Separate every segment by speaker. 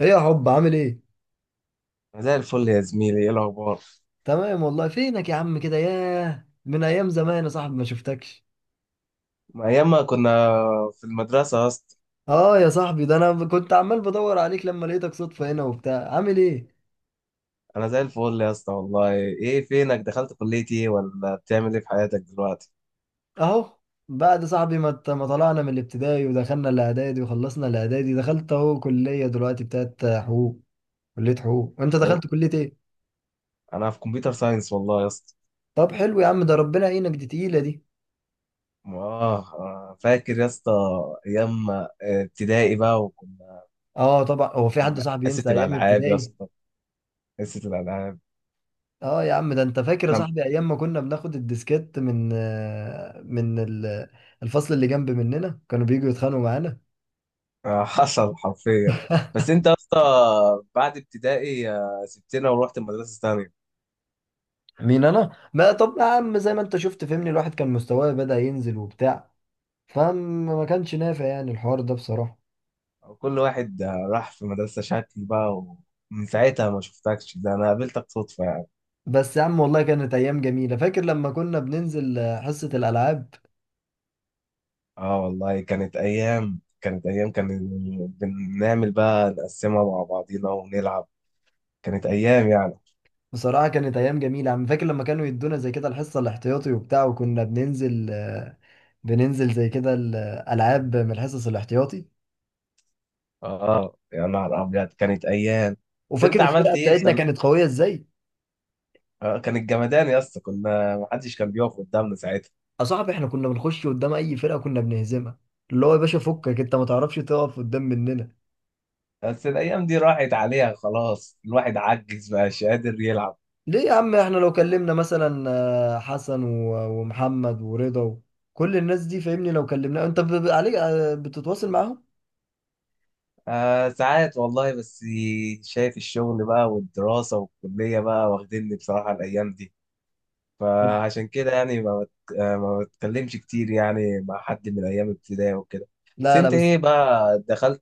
Speaker 1: ايه يا حب، عامل ايه؟
Speaker 2: زي الفل يا زميلي، ايه الاخبار؟
Speaker 1: تمام والله. فينك يا عم؟ كده ياه، من ايام زمان يا صاحبي، ما شفتكش.
Speaker 2: ما ايام ما كنا في المدرسه يا اسطى.
Speaker 1: اه يا صاحبي، ده انا كنت عمال بدور عليك لما لقيتك صدفة هنا وبتاع. عامل ايه؟
Speaker 2: انا زي الفل يا اسطى والله. ايه فينك؟ دخلت كليه ايه ولا بتعمل ايه في حياتك دلوقتي؟
Speaker 1: اهو، بعد صاحبي ما طلعنا من الابتدائي ودخلنا الاعدادي وخلصنا الاعدادي، دخلت اهو كلية دلوقتي بتاعت حقوق. كلية حقوق، وانت
Speaker 2: اهو،
Speaker 1: دخلت كلية ايه؟
Speaker 2: انا في كمبيوتر ساينس والله يا اسطى.
Speaker 1: طب حلو يا عم، ده ربنا يعينك، دي تقيلة دي.
Speaker 2: اه. فاكر يا اسطى ايام ابتدائي بقى، وكنا
Speaker 1: اه طبعا، هو في حد
Speaker 2: في
Speaker 1: صاحبي
Speaker 2: حصه
Speaker 1: ينسى ايام
Speaker 2: الالعاب يا
Speaker 1: ابتدائي؟
Speaker 2: اسطى، حصه الالعاب.
Speaker 1: اه يا عم، ده انت فاكر يا
Speaker 2: نعم،
Speaker 1: صاحبي ايام ما كنا بناخد الديسكات من الفصل اللي جنب مننا، كانوا بييجوا يتخانقوا معانا؟
Speaker 2: حصل حرفيا. بس انت يا اسطى، بعد ابتدائي سبتنا ورحت المدرسه الثانيه.
Speaker 1: مين انا؟ ما طب يا عم، زي ما انت شفت، فهمني، الواحد كان مستواه بدأ ينزل وبتاع، فما كانش نافع يعني الحوار ده بصراحة.
Speaker 2: كل واحد راح في مدرسة شكل بقى، ومن ساعتها ما شفتكش. ده أنا قابلتك صدفة يعني.
Speaker 1: بس يا عم والله كانت ايام جميلة. فاكر لما كنا بننزل حصة الالعاب؟
Speaker 2: اه والله، كانت أيام كان بنعمل بقى نقسمها مع بعضينا ونلعب. كانت أيام يعني.
Speaker 1: بصراحة كانت ايام جميلة يا عم. فاكر لما كانوا يدونا زي كده الحصة الاحتياطي وبتاع، وكنا بننزل زي كده الالعاب من الحصص الاحتياطي؟
Speaker 2: اه يا نهار أبيض، كانت أيام. بس
Speaker 1: وفاكر
Speaker 2: أنت
Speaker 1: الفرقه
Speaker 2: عملت إيه في
Speaker 1: بتاعتنا
Speaker 2: سن...
Speaker 1: كانت قويه ازاي؟
Speaker 2: كانت جمدان يا اسطى، كنا محدش كان بيقف قدامنا ساعتها.
Speaker 1: يا صاحبي، احنا كنا بنخش قدام اي فرقه كنا بنهزمها. اللي هو يا باشا، فكك انت ما تعرفش تقف قدام مننا.
Speaker 2: بس الأيام دي راحت عليها خلاص، الواحد عجز مبقاش قادر يلعب.
Speaker 1: ليه يا عم، احنا لو كلمنا مثلا حسن ومحمد ورضا كل الناس دي، فاهمني، لو كلمنا انت عليك بتتواصل معاهم؟
Speaker 2: ساعات والله. بس شايف الشغل بقى والدراسة والكلية بقى واخديني بصراحة الأيام دي، فعشان كده يعني ما بت... آه، ما بتكلمش كتير يعني مع حد من أيام ابتدائي وكده. بس
Speaker 1: لا لا،
Speaker 2: أنت
Speaker 1: بس.
Speaker 2: إيه بقى؟ دخلت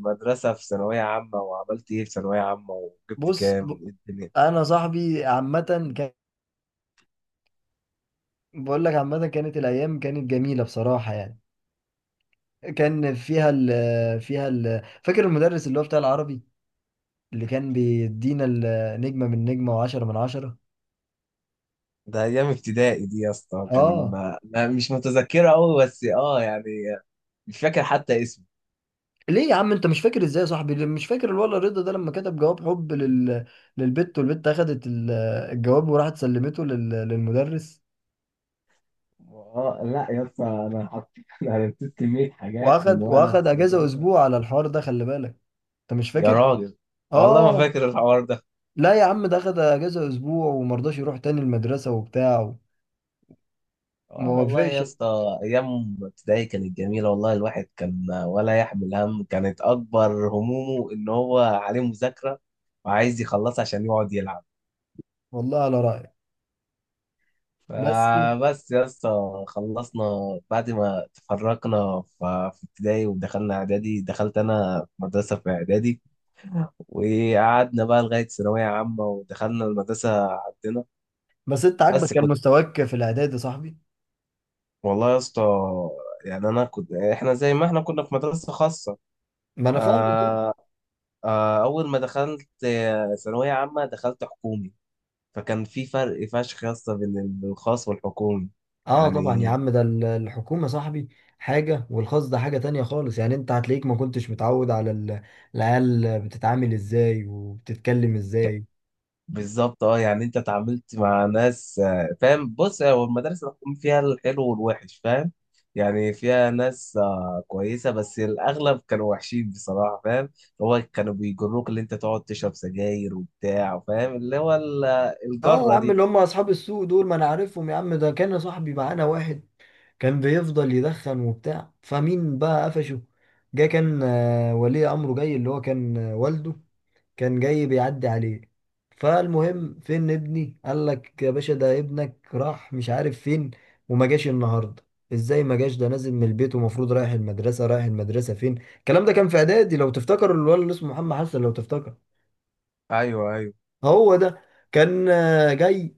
Speaker 2: مدرسة في ثانوية عامة، وعملت إيه في ثانوية عامة، وجبت
Speaker 1: بص.
Speaker 2: كام، وإيه الدنيا؟
Speaker 1: انا صاحبي عامه. بقول لك عامه كانت الايام، كانت جميله بصراحه يعني. كان فيها ال فيها ال فاكر المدرس اللي هو بتاع العربي، اللي كان بيدينا النجمة من نجمة وعشرة من عشرة.
Speaker 2: ده أيام ابتدائي دي يا اسطى كان
Speaker 1: اه.
Speaker 2: مش متذكرة أوي، بس يعني. مش فاكر حتى اسمه.
Speaker 1: ليه يا عم، انت مش فاكر ازاي يا صاحبي؟ مش فاكر الولا رضا ده لما كتب جواب حب للبت، والبت اخدت الجواب وراحت سلمته للمدرس،
Speaker 2: اه لا يا اسطى، انا حطيت انا نسيت كميه حاجات من
Speaker 1: واخد
Speaker 2: وانا
Speaker 1: واخد
Speaker 2: في
Speaker 1: اجازة
Speaker 2: المدرسه.
Speaker 1: اسبوع على الحوار ده، خلي بالك؟ انت مش
Speaker 2: يا
Speaker 1: فاكر؟
Speaker 2: راجل، والله ما
Speaker 1: اه.
Speaker 2: فاكر الحوار ده.
Speaker 1: لا يا عم، ده اخد اجازة اسبوع ومرضاش يروح تاني المدرسة وبتاع. وما
Speaker 2: اه والله يا
Speaker 1: وافقش.
Speaker 2: اسطى، ايام ابتدائي كانت جميله والله. الواحد كان ولا يحمل هم، كانت اكبر همومه ان هو عليه مذاكره وعايز يخلصها عشان يقعد يلعب.
Speaker 1: والله على رأيك. بس.
Speaker 2: فبس يا اسطى، خلصنا بعد ما تفرقنا في ابتدائي ودخلنا اعدادي، دخلت انا مدرسه في اعدادي، وقعدنا بقى لغاية ثانوية عامة ودخلنا المدرسة عندنا.
Speaker 1: بس انت عاجبك
Speaker 2: بس
Speaker 1: كان
Speaker 2: كنت
Speaker 1: مستواك في الاعداد يا صاحبي؟
Speaker 2: والله يا اسطى. يعني أنا كنت إحنا زي ما إحنا كنا في مدرسة خاصة.
Speaker 1: ما انا فاهم.
Speaker 2: آه أول ما دخلت ثانوية عامة دخلت حكومي. فكان في فرق فشخ يا اسطى بين الخاص والحكومي
Speaker 1: اه طبعا يا
Speaker 2: يعني.
Speaker 1: عم، ده الحكومة صاحبي حاجة، والخاص ده حاجة تانية خالص يعني. انت هتلاقيك ما كنتش متعود على العيال بتتعامل ازاي وبتتكلم ازاي.
Speaker 2: بالظبط. اه يعني انت اتعاملت مع ناس، فاهم؟ بص، هو المدارس الحكومية فيها الحلو والوحش، فاهم؟ يعني فيها ناس كويسة، بس الأغلب كانوا وحشين بصراحة، فاهم؟ هو كانوا بيجروك اللي انت تقعد تشرب سجاير وبتاع، فاهم؟ اللي هو
Speaker 1: اه يا
Speaker 2: الجرة
Speaker 1: عم،
Speaker 2: دي.
Speaker 1: اللي هم اصحاب السوق دول، ما انا عارفهم يا عم. ده كان يا صاحبي معانا واحد كان بيفضل يدخن وبتاع، فمين بقى قفشه؟ جه كان ولي امره جاي، اللي هو كان والده. كان جاي بيعدي عليه. فالمهم، فين ابني؟ قال لك يا باشا، ده ابنك راح مش عارف فين، وما جاش النهارده. ازاي ما جاش؟ ده نازل من البيت ومفروض رايح المدرسه. رايح المدرسه فين؟ الكلام ده كان في اعدادي لو تفتكر. الولد اللي اسمه محمد حسن، لو تفتكر.
Speaker 2: ايوه، ايوه.
Speaker 1: هو ده. كان جاي.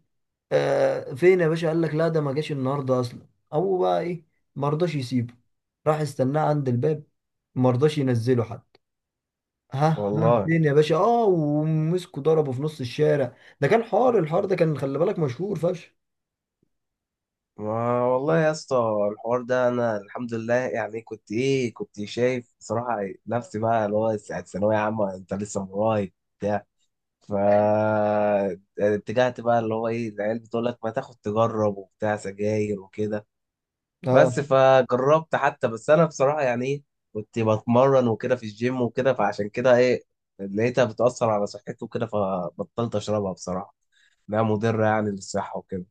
Speaker 1: فين يا باشا؟ قال لك لا، ده ما جاش النهارده اصلا. هو بقى ايه؟ ما رضاش يسيبه. راح استناه عند الباب. ما رضاش ينزله حتى. ها ها،
Speaker 2: والله.
Speaker 1: فين يا باشا؟ اه. ومسكوا، ضربوا في نص الشارع. ده كان حار. الحار ده كان، خلي بالك، مشهور فشخ.
Speaker 2: ما والله يا اسطى الحوار ده. انا الحمد لله يعني، كنت شايف بصراحة نفسي بقى، اللي هو ساعة ثانوية عامة انت لسه من ورايا. فاتجهت بقى، اللي هو ايه، العيال بتقول لك ما تاخد تجرب وبتاع سجاير وكده.
Speaker 1: اه
Speaker 2: بس فجربت حتى، بس انا بصراحة يعني ايه، كنت بتمرن وكده في الجيم وكده. فعشان كده ايه، لقيتها بتأثر على صحتي وكده، فبطلت اشربها بصراحة. انها مضرة يعني للصحة وكده.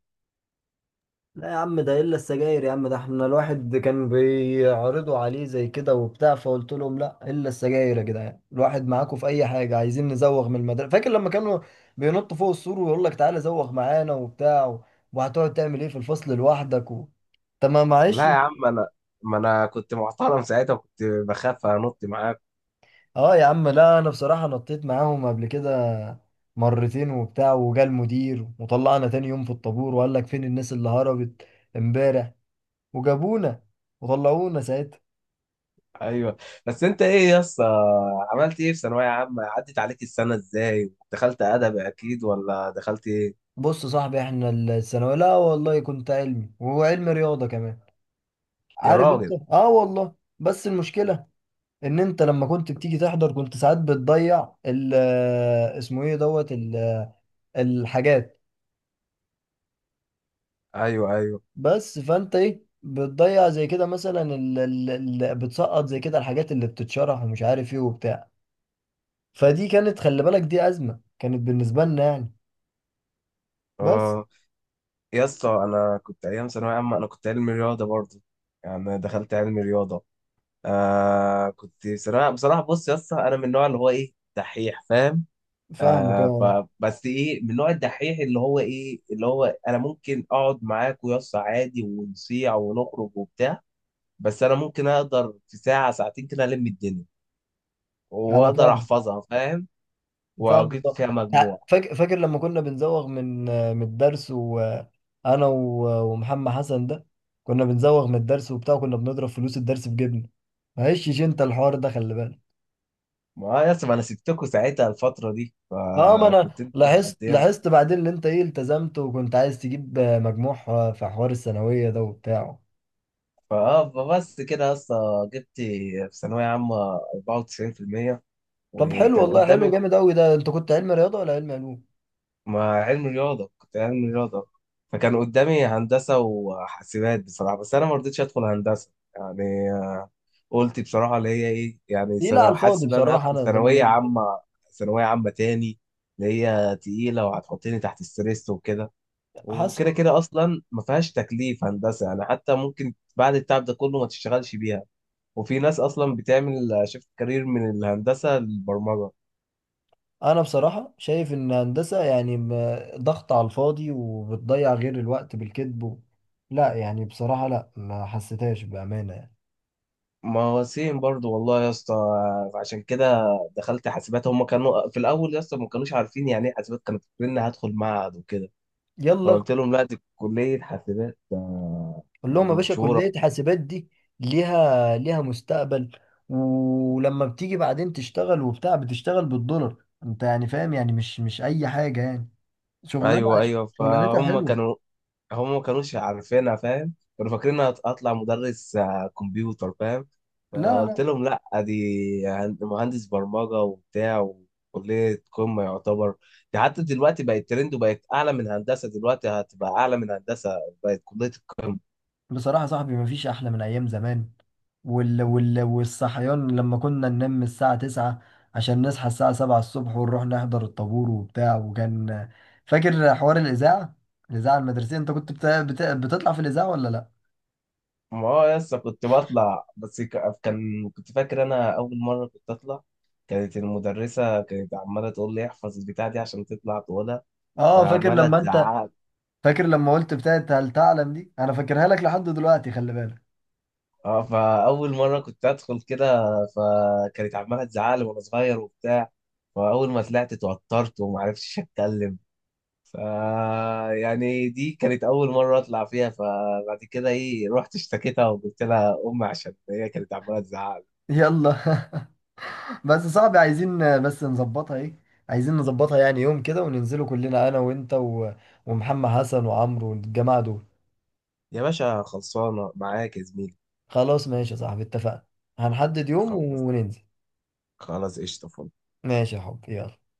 Speaker 1: لا يا عم، ده الا السجاير يا عم. ده احنا الواحد كان بيعرضوا عليه زي كده وبتاع، فقلت لهم لا الا السجاير يا جدعان. الواحد معاكم في اي حاجه. عايزين نزوغ من المدرسه؟ فاكر لما كانوا بينطوا فوق السور ويقول لك تعالى زوغ معانا وبتاع، وهتقعد تعمل ايه في الفصل لوحدك؟ طب ما معلش.
Speaker 2: لا يا عم، ما انا كنت محترم ساعتها، وكنت بخاف انط معاك.
Speaker 1: اه يا عم لا، انا بصراحة نطيت معاهم قبل كده مرتين وبتاع، وجا المدير وطلعنا تاني يوم في الطابور، وقال لك فين الناس اللي هربت امبارح؟ وجابونا وطلعونا ساعتها.
Speaker 2: ايوه. بس انت ايه يا اسطى، عملت ايه في ثانوية عامة؟ عدت عليك السنة ازاي؟ دخلت ادب اكيد ولا دخلت؟
Speaker 1: بص يا صاحبي، احنا الثانوية لا والله، كنت علمي وعلم رياضة كمان،
Speaker 2: يا
Speaker 1: عارف انت؟
Speaker 2: راجل.
Speaker 1: اه والله. بس المشكلة ان انت لما كنت بتيجي تحضر، كنت ساعات بتضيع ال اسمه ايه، دوت الحاجات.
Speaker 2: ايوه، ايوه.
Speaker 1: بس، فانت ايه بتضيع زي كده مثلا، اللي بتسقط زي كده، الحاجات اللي بتتشرح ومش عارف ايه وبتاع. فدي كانت خلي بالك، دي أزمة كانت بالنسبة لنا يعني. بس.
Speaker 2: اه يا اسطى، انا كنت ايام ثانويه عامه انا كنت علمي رياضه برضه. يعني دخلت علمي رياضه. بصراحه، بص يا اسطى، انا من النوع اللي هو ايه دحيح، فاهم؟
Speaker 1: فاهمك، اه.
Speaker 2: فبس ايه، من نوع الدحيح اللي هو انا ممكن اقعد معاك ويا اسطى عادي، ونصيع ونخرج وبتاع. بس انا ممكن اقدر في ساعه ساعتين كده الم الدنيا،
Speaker 1: انا
Speaker 2: واقدر
Speaker 1: فاهم.
Speaker 2: احفظها، فاهم؟
Speaker 1: فاهم.
Speaker 2: واجيب فيها مجموع.
Speaker 1: فاكر لما كنا بنزوغ من الدرس؟ وانا ومحمد حسن ده كنا بنزوغ من الدرس وبتاع، كنا بنضرب فلوس الدرس في جيبنا، ما هيشش انت الحوار ده، خلي بالك.
Speaker 2: ما اه يس ما انا سبتكوا ساعتها الفترة دي،
Speaker 1: اه، ما انا
Speaker 2: فكنت انتوا
Speaker 1: لاحظت
Speaker 2: مقضينا.
Speaker 1: لاحظت بعدين ان انت ايه التزمت، وكنت عايز تجيب مجموع في حوار الثانويه ده وبتاعه.
Speaker 2: فاه بس كده يا اسطى، جبت في ثانوية عامة 94%،
Speaker 1: طب حلو
Speaker 2: وكان
Speaker 1: والله، حلو
Speaker 2: قدامي.
Speaker 1: جامد قوي. ده انت كنت علم رياضه ولا علم علوم؟
Speaker 2: ما علم رياضة، كنت علم رياضة. فكان قدامي هندسة وحاسبات بصراحة. بس انا ما رضيتش ادخل هندسة يعني. قلت بصراحة، اللي هي ايه يعني
Speaker 1: تقيله
Speaker 2: سنة،
Speaker 1: على
Speaker 2: حاسس
Speaker 1: الفاضي
Speaker 2: ان انا
Speaker 1: بصراحه.
Speaker 2: هدخل
Speaker 1: انا ده
Speaker 2: ثانوية عامة، ثانوية عامة تاني، اللي هي تقيلة وهتحطني تحت ستريس وكده.
Speaker 1: حاسس.
Speaker 2: وكده كده اصلا ما فيهاش تكليف هندسه يعني، حتى ممكن بعد التعب ده كله ما تشتغلش بيها. وفي ناس اصلا بتعمل شيفت كارير من الهندسه للبرمجه.
Speaker 1: انا بصراحه شايف ان هندسه يعني ضغط على الفاضي وبتضيع غير الوقت بالكذب. لا يعني بصراحه لا، ما حسيتهاش بامانه يعني.
Speaker 2: ما هو سيم برضو والله يا اسطى. عشان كده دخلت حاسبات. هم كانوا في الاول يا اسطى ما كانوش عارفين يعني ايه حاسبات، كانوا فاكرين اني هدخل معهد وكده.
Speaker 1: يلا.
Speaker 2: فقلت لهم لا، دي كليه حاسبات،
Speaker 1: قول
Speaker 2: يعني
Speaker 1: لهم يا باشا،
Speaker 2: مشهوره.
Speaker 1: كلية حاسبات دي ليها مستقبل، ولما بتيجي بعدين تشتغل وبتاع بتشتغل بالدولار، انت يعني فاهم، يعني مش اي حاجة يعني. شغلانة.
Speaker 2: ايوه، ايوه.
Speaker 1: شغلانتها
Speaker 2: فهم
Speaker 1: حلوة.
Speaker 2: كانوا هم ما كانوش عارفينها، فاهم؟ كانوا فاكرين هطلع مدرس كمبيوتر، فاهم؟
Speaker 1: لا
Speaker 2: فقلت
Speaker 1: لا.
Speaker 2: لهم لا، دي مهندس برمجة وبتاع، وكلية قمة يعتبر. دي حتى دلوقتي بقت ترند، وبقت أعلى من هندسة. دلوقتي هتبقى أعلى من هندسة، بقت كلية القمة.
Speaker 1: بصراحة يا صاحبي، مفيش احلى من ايام زمان. والصحيان لما كنا ننام الساعة 9 عشان نصحى الساعة 7 الصبح، ونروح نحضر الطابور وبتاع. وكان فاكر حوار الإذاعة؟ الإذاعة المدرسية. أنت كنت بتطلع في الإذاعة ولا لأ؟
Speaker 2: اه يس، كنت بطلع، بس ك- كان كنت فاكر أنا أول مرة كنت أطلع. كانت المدرسة عمالة تقول لي احفظ البتاع دي عشان تطلع تقولها.
Speaker 1: آه، فاكر
Speaker 2: فعمالة
Speaker 1: لما أنت.
Speaker 2: تزعق.
Speaker 1: فاكر لما قلت بتاعت هل تعلم دي؟ انا فاكرها لك لحد دلوقتي، خلي بالك.
Speaker 2: اه، فاول مره كنت ادخل كده، فكانت عماله تزعلي وانا صغير وبتاع. فاول ما طلعت اتوترت وما عرفتش اتكلم. ف يعني دي كانت اول مره اطلع فيها. فبعد كده ايه، رحت اشتكيتها وقلت لها امي، عشان هي كانت عماله تزعل.
Speaker 1: يلا بس صعب. عايزين بس نظبطها ايه. عايزين نظبطها يعني يوم كده، وننزلوا كلنا انا وانت ومحمد حسن وعمرو والجماعة دول.
Speaker 2: يا باشا، خلصانه معاك يا زميلي.
Speaker 1: خلاص ماشي يا صاحبي، اتفقنا. هنحدد يوم
Speaker 2: خلاص.
Speaker 1: وننزل.
Speaker 2: خلاص قشطه فل.
Speaker 1: ماشي يا حب، يلا.